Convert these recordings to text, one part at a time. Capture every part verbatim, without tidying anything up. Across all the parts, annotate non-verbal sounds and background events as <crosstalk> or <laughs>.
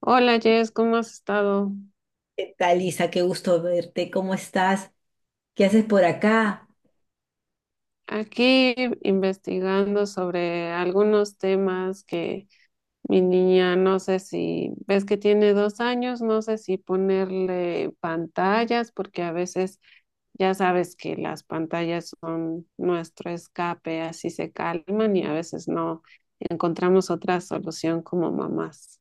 Hola Jess, ¿cómo has estado? ¿Qué tal, Isa? Qué gusto verte. ¿Cómo estás? ¿Qué haces por acá? Aquí investigando sobre algunos temas que mi niña, no sé si, ves que tiene dos años, no sé si ponerle pantallas, porque a veces ya sabes que las pantallas son nuestro escape, así se calman y a veces no encontramos otra solución como mamás.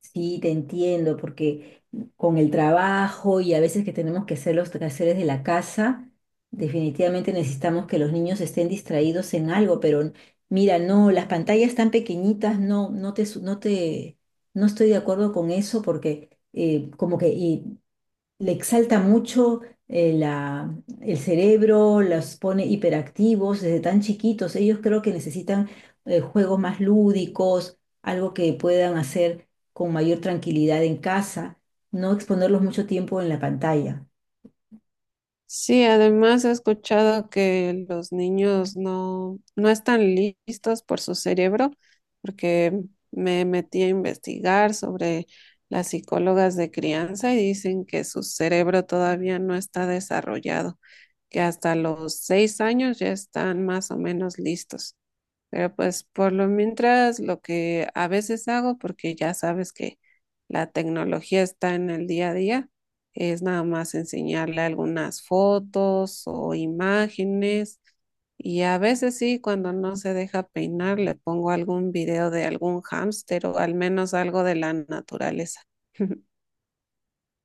Sí, te entiendo, porque con el trabajo y a veces que tenemos que hacer los quehaceres de la casa, definitivamente necesitamos que los niños estén distraídos en algo, pero mira, no, las pantallas tan pequeñitas, no, no te, su- no te, no estoy de acuerdo con eso porque eh, como que y le exalta mucho, eh, la- el cerebro, los pone hiperactivos desde tan chiquitos. Ellos creo que necesitan eh, juegos más lúdicos, algo que puedan hacer con mayor tranquilidad en casa, no exponerlos mucho tiempo en la pantalla. Sí, además he escuchado que los niños no, no están listos por su cerebro, porque me metí a investigar sobre las psicólogas de crianza y dicen que su cerebro todavía no está desarrollado, que hasta los seis años ya están más o menos listos. Pero pues por lo mientras lo que a veces hago, porque ya sabes que la tecnología está en el día a día, es nada más enseñarle algunas fotos o imágenes. Y a veces sí, cuando no se deja peinar, le pongo algún video de algún hámster o al menos algo de la naturaleza. <laughs>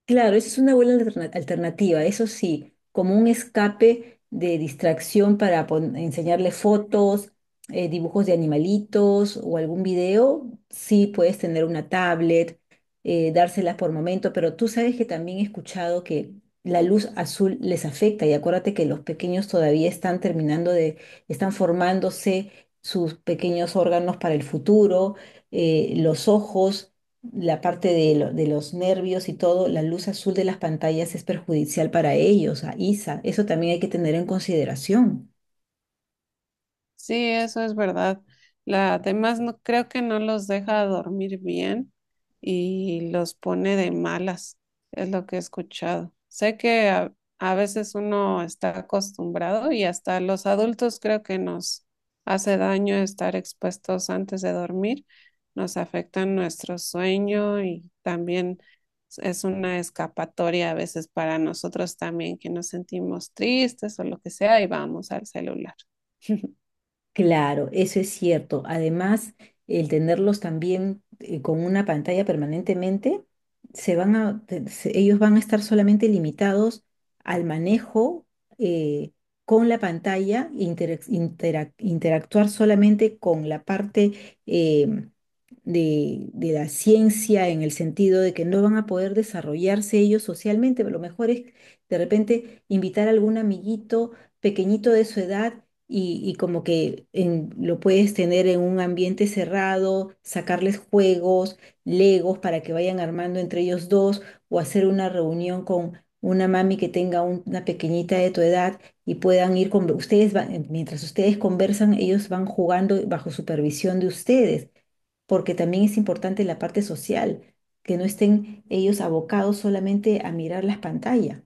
Claro, esa es una buena alterna- alternativa, eso sí, como un escape de distracción para pon- enseñarle fotos, eh, dibujos de animalitos o algún video. Sí puedes tener una tablet, eh, dárselas por momento, pero tú sabes que también he escuchado que la luz azul les afecta, y acuérdate que los pequeños todavía están terminando de, están formándose sus pequeños órganos para el futuro, eh, los ojos, la parte de, lo- de los nervios y todo. La luz azul de las pantallas es perjudicial para ellos, a Isa. Eso también hay que tener en consideración. Sí, eso es verdad. La, además, no, creo que no los deja dormir bien y los pone de malas, es lo que he escuchado. Sé que a, a veces uno está acostumbrado y hasta los adultos creo que nos hace daño estar expuestos antes de dormir, nos afecta nuestro sueño y también es una escapatoria a veces para nosotros también que nos sentimos tristes o lo que sea y vamos al celular. Claro, eso es cierto. Además, el tenerlos también, eh, con una pantalla permanentemente, se van a, te- se- ellos van a estar solamente limitados al manejo, eh, con la pantalla, interac- interac- interactuar solamente con la parte, eh, de, de la ciencia, en el sentido de que no van a poder desarrollarse ellos socialmente. Lo mejor es de repente invitar a algún amiguito pequeñito de su edad y, y como que en- lo puedes tener en un ambiente cerrado, sacarles juegos, legos para que vayan armando entre ellos dos, o hacer una reunión con una mami que tenga un- una pequeñita de tu edad y puedan ir con ustedes, van- mientras ustedes conversan, ellos van jugando bajo supervisión de ustedes, porque también es importante la parte social, que no estén ellos abocados solamente a mirar las pantallas.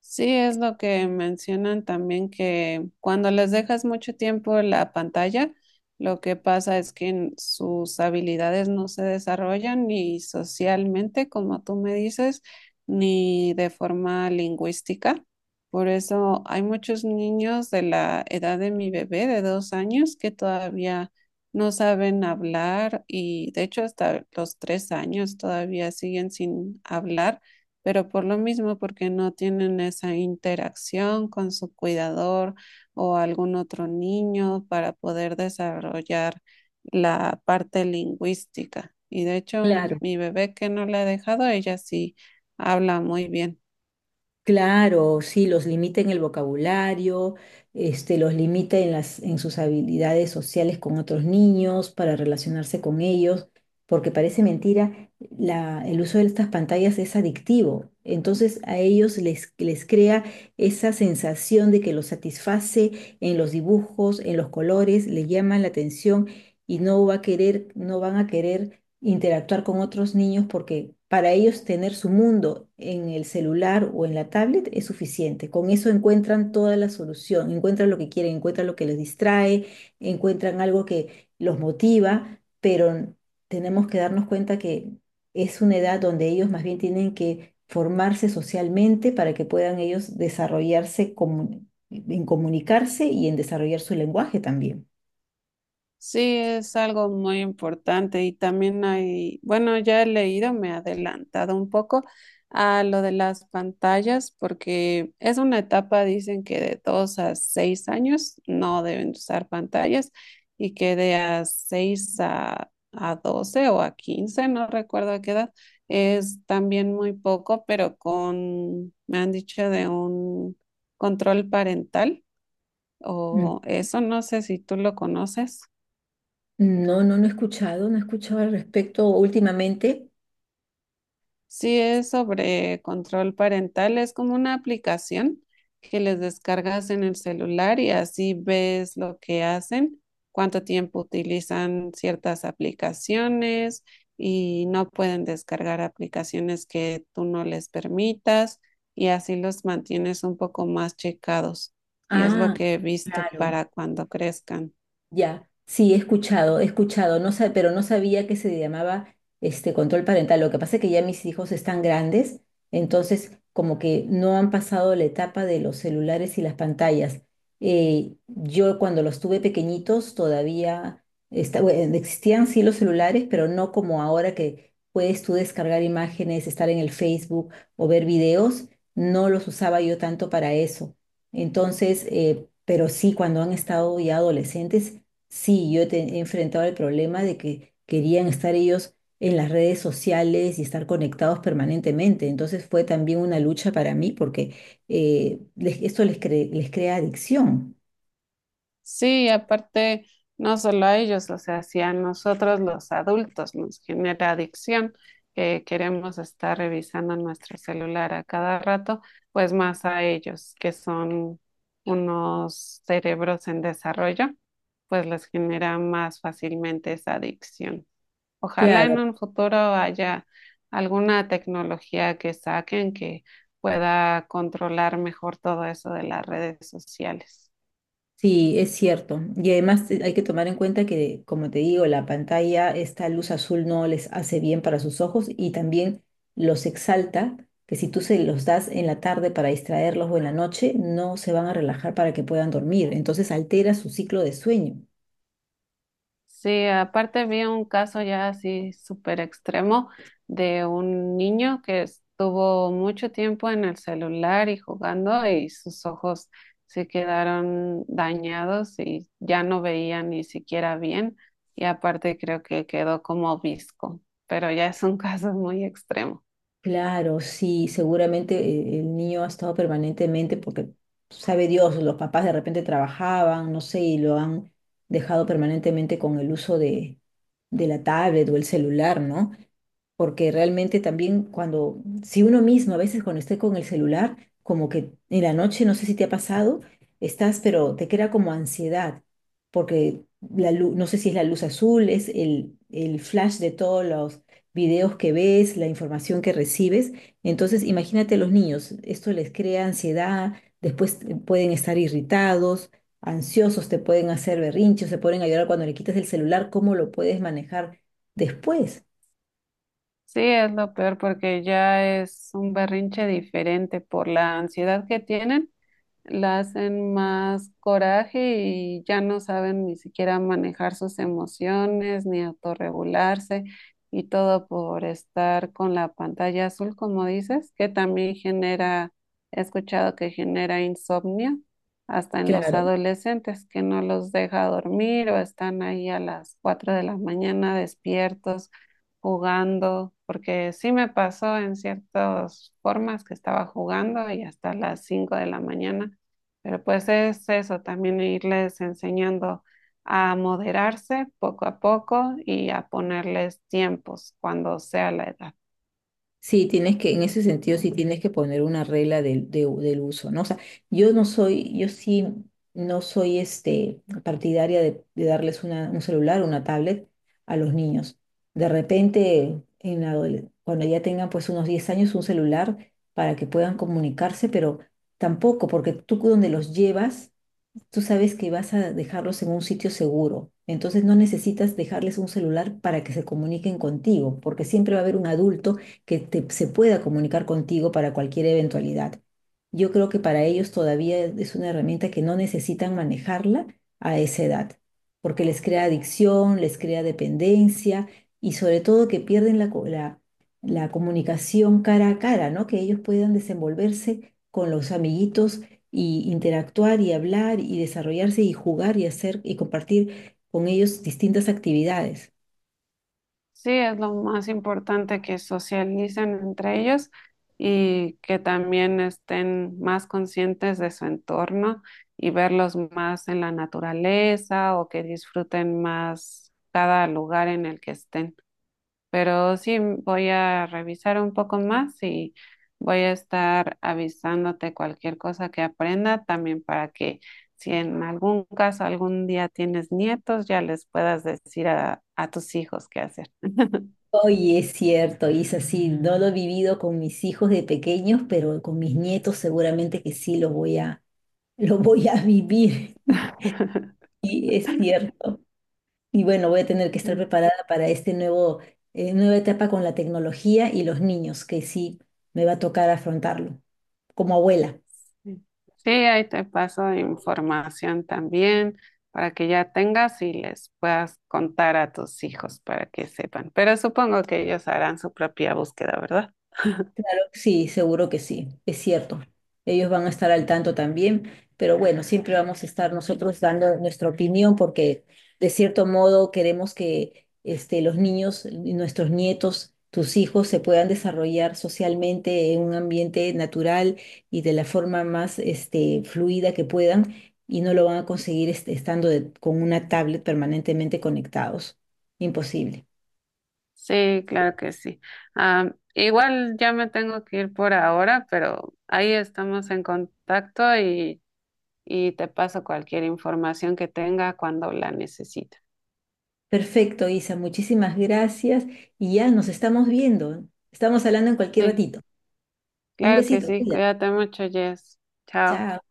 Sí, es lo que mencionan también que cuando les dejas mucho tiempo en la pantalla, lo que pasa es que n- sus habilidades no se desarrollan ni socialmente, como tú me dices, ni de forma lingüística. Por eso hay muchos niños de la edad de mi bebé de dos años que todavía no saben hablar y de hecho hasta los tres años todavía siguen sin hablar, pero por lo mismo, porque no tienen esa interacción con su cuidador o algún otro niño para poder desarrollar la parte lingüística. Y de hecho, mi bebé que no la he dejado, ella sí habla muy bien. Claro, sí, los limita en el vocabulario, este, los limita en las, en sus habilidades sociales con otros niños, para relacionarse con ellos, porque parece mentira, la- el uso de estas pantallas es adictivo. Entonces a ellos les, les crea esa sensación de que los satisface en los dibujos, en los colores, les llama la atención y no va a querer, no van a querer interactuar con otros niños, porque para ellos tener su mundo en el celular o en la tablet es suficiente. Con eso encuentran toda la solución, encuentran lo que quieren, encuentran lo que les distrae, encuentran algo que los motiva, pero tenemos que darnos cuenta que es una edad donde ellos más bien tienen que formarse socialmente para que puedan ellos desarrollarse comu- en comunicarse y en desarrollar su lenguaje también. Sí, es algo muy importante y también hay, bueno, ya he leído, me he adelantado un poco a lo de las pantallas porque es una etapa, dicen que de dos a seis años no deben usar pantallas y que de a seis a, a doce o a quince, no recuerdo a qué edad, es también muy poco, pero con, me han dicho de un control parental o eso, no sé si tú lo conoces. No, no, no he escuchado, no he escuchado al respecto últimamente. Sí, es sobre control parental, es como una aplicación que les descargas en el celular y así ves lo que hacen, cuánto tiempo utilizan ciertas aplicaciones y no pueden descargar aplicaciones que tú no les permitas y así los mantienes un poco más checados, y es lo Ah, que he visto claro. para cuando crezcan. Ya, sí, he escuchado, he escuchado, no sa- pero no sabía que se llamaba este control parental. Lo que pasa es que ya mis hijos están grandes, entonces como que no han pasado la etapa de los celulares y las pantallas. Eh, yo cuando los tuve pequeñitos todavía, esta- bueno, existían sí los celulares, pero no como ahora que puedes tú descargar imágenes, estar en el Facebook o ver videos. No los usaba yo tanto para eso. Entonces, eh, pero sí, cuando han estado ya adolescentes, sí, yo te- he enfrentado el problema de que querían estar ellos en las redes sociales y estar conectados permanentemente. Entonces fue también una lucha para mí porque eh, les- esto les, cre- les crea adicción. Sí, aparte, no solo a ellos, o sea, si a nosotros los adultos nos genera adicción, que queremos estar revisando nuestro celular a cada rato, pues más a ellos, que son unos cerebros en desarrollo, pues les genera más fácilmente esa adicción. Ojalá Claro, en un futuro haya alguna tecnología que saquen que pueda controlar mejor todo eso de las redes sociales. sí, es cierto. Y además, eh, hay que tomar en cuenta que, como te digo, la pantalla, esta luz azul no les hace bien para sus ojos, y también los exalta, que si tú se los das en la tarde para distraerlos o en la noche, no se van a relajar para que puedan dormir. Entonces altera su ciclo de sueño. Sí, aparte había un caso ya así súper extremo de un niño que estuvo mucho tiempo en el celular y jugando y sus ojos se quedaron dañados y ya no veía ni siquiera bien, y aparte creo que quedó como obisco, pero ya es un <laughs> caso muy extremo. Claro, sí, seguramente eh, el niño ha estado permanentemente porque sabe Dios, los papás de repente trabajaban, no sé, y lo han dejado permanentemente con el uso de, de la tablet o el celular, ¿no? Porque realmente también cuando, si uno mismo a veces cuando esté con el celular, como que en la noche, no sé si te ha pasado, estás, pero te queda como ansiedad, porque la luz, no sé si es la luz azul, es el, el flash de todos los videos que ves, la información que recibes. Entonces, imagínate a los niños, esto les crea ansiedad, después eh, pueden estar irritados, ansiosos, te pueden hacer berrinches, se pueden a llorar cuando le quitas el celular. ¿Cómo lo puedes manejar después? Sí, es lo peor porque ya es un berrinche diferente por la ansiedad que tienen, la hacen más coraje y ya no saben ni siquiera manejar sus emociones ni autorregularse, y todo por estar con la pantalla azul, como dices, que también genera, he escuchado que genera insomnio hasta en los Claro. adolescentes que no los deja dormir o están ahí a las cuatro de la mañana despiertos jugando, porque sí me pasó en ciertas formas que estaba jugando y hasta las cinco de la mañana. Pero pues es eso, también irles enseñando a moderarse poco a poco y a ponerles tiempos cuando sea la edad. Sí, tienes que, en ese sentido, sí tienes que poner una regla del, de- del uso, ¿no? O sea, yo no soy, yo sí no soy, este, partidaria de, de darles una, un celular, o una tablet a los niños. De repente, en la adole- cuando ya tengan pues unos diez años, un celular para que puedan comunicarse, pero tampoco, porque tú donde los llevas tú sabes que vas a dejarlos en un sitio seguro. Entonces no necesitas dejarles un celular para que se comuniquen contigo, porque siempre va a haber un adulto que te- se pueda comunicar contigo para cualquier eventualidad. Yo creo que para ellos todavía es una herramienta que no necesitan manejarla a esa edad, porque les crea adicción, les crea dependencia, y sobre todo que pierden la, co- la, la comunicación cara a cara, ¿no? Que ellos puedan desenvolverse con los amiguitos y interactuar y hablar y desarrollarse y jugar y hacer y compartir con ellos distintas actividades. Sí, es lo más importante que socialicen entre ellos y que también estén más conscientes de su entorno, y verlos más en la naturaleza o que disfruten más cada lugar en el que estén. Pero sí voy a revisar un poco más y voy a estar avisándote cualquier cosa que aprenda también, para que si en algún caso algún día tienes nietos, ya les puedas decir a, a tus hijos qué hacer. Oye, es cierto, Isa, sí, no lo he vivido con mis hijos de pequeños, pero con mis nietos seguramente que sí lo voy a, <laughs> lo voy a vivir. <laughs> <laughs> Sí, es cierto. Y bueno, voy a tener que estar Sí, preparada para este nuevo, eh, nueva etapa con la tecnología y los niños, que sí me va a tocar afrontarlo como abuela. sí. Sí, ahí te paso información también para que ya tengas y les puedas contar a tus hijos para que sepan. Pero supongo que ellos harán su propia búsqueda, ¿verdad? Sí, seguro que sí, es cierto. Ellos van a estar al tanto también, pero bueno, siempre vamos a estar nosotros dando nuestra opinión, porque de cierto modo queremos que, este, los niños, nuestros nietos, tus hijos se puedan desarrollar socialmente en un ambiente natural y de la forma más, este, fluida que puedan, y no lo van a conseguir, este, estando de- con una tablet permanentemente conectados. Imposible. Sí, claro que sí. Am, igual ya me tengo que ir por ahora, pero ahí estamos en contacto y, y te paso cualquier información que tenga cuando la necesite. Perfecto, Isa, muchísimas gracias, y ya nos estamos viendo. Estamos hablando en cualquier Sí, ratito. Un claro que besito, sí. cuídate. Cuídate mucho, Jess. Chao. Chao.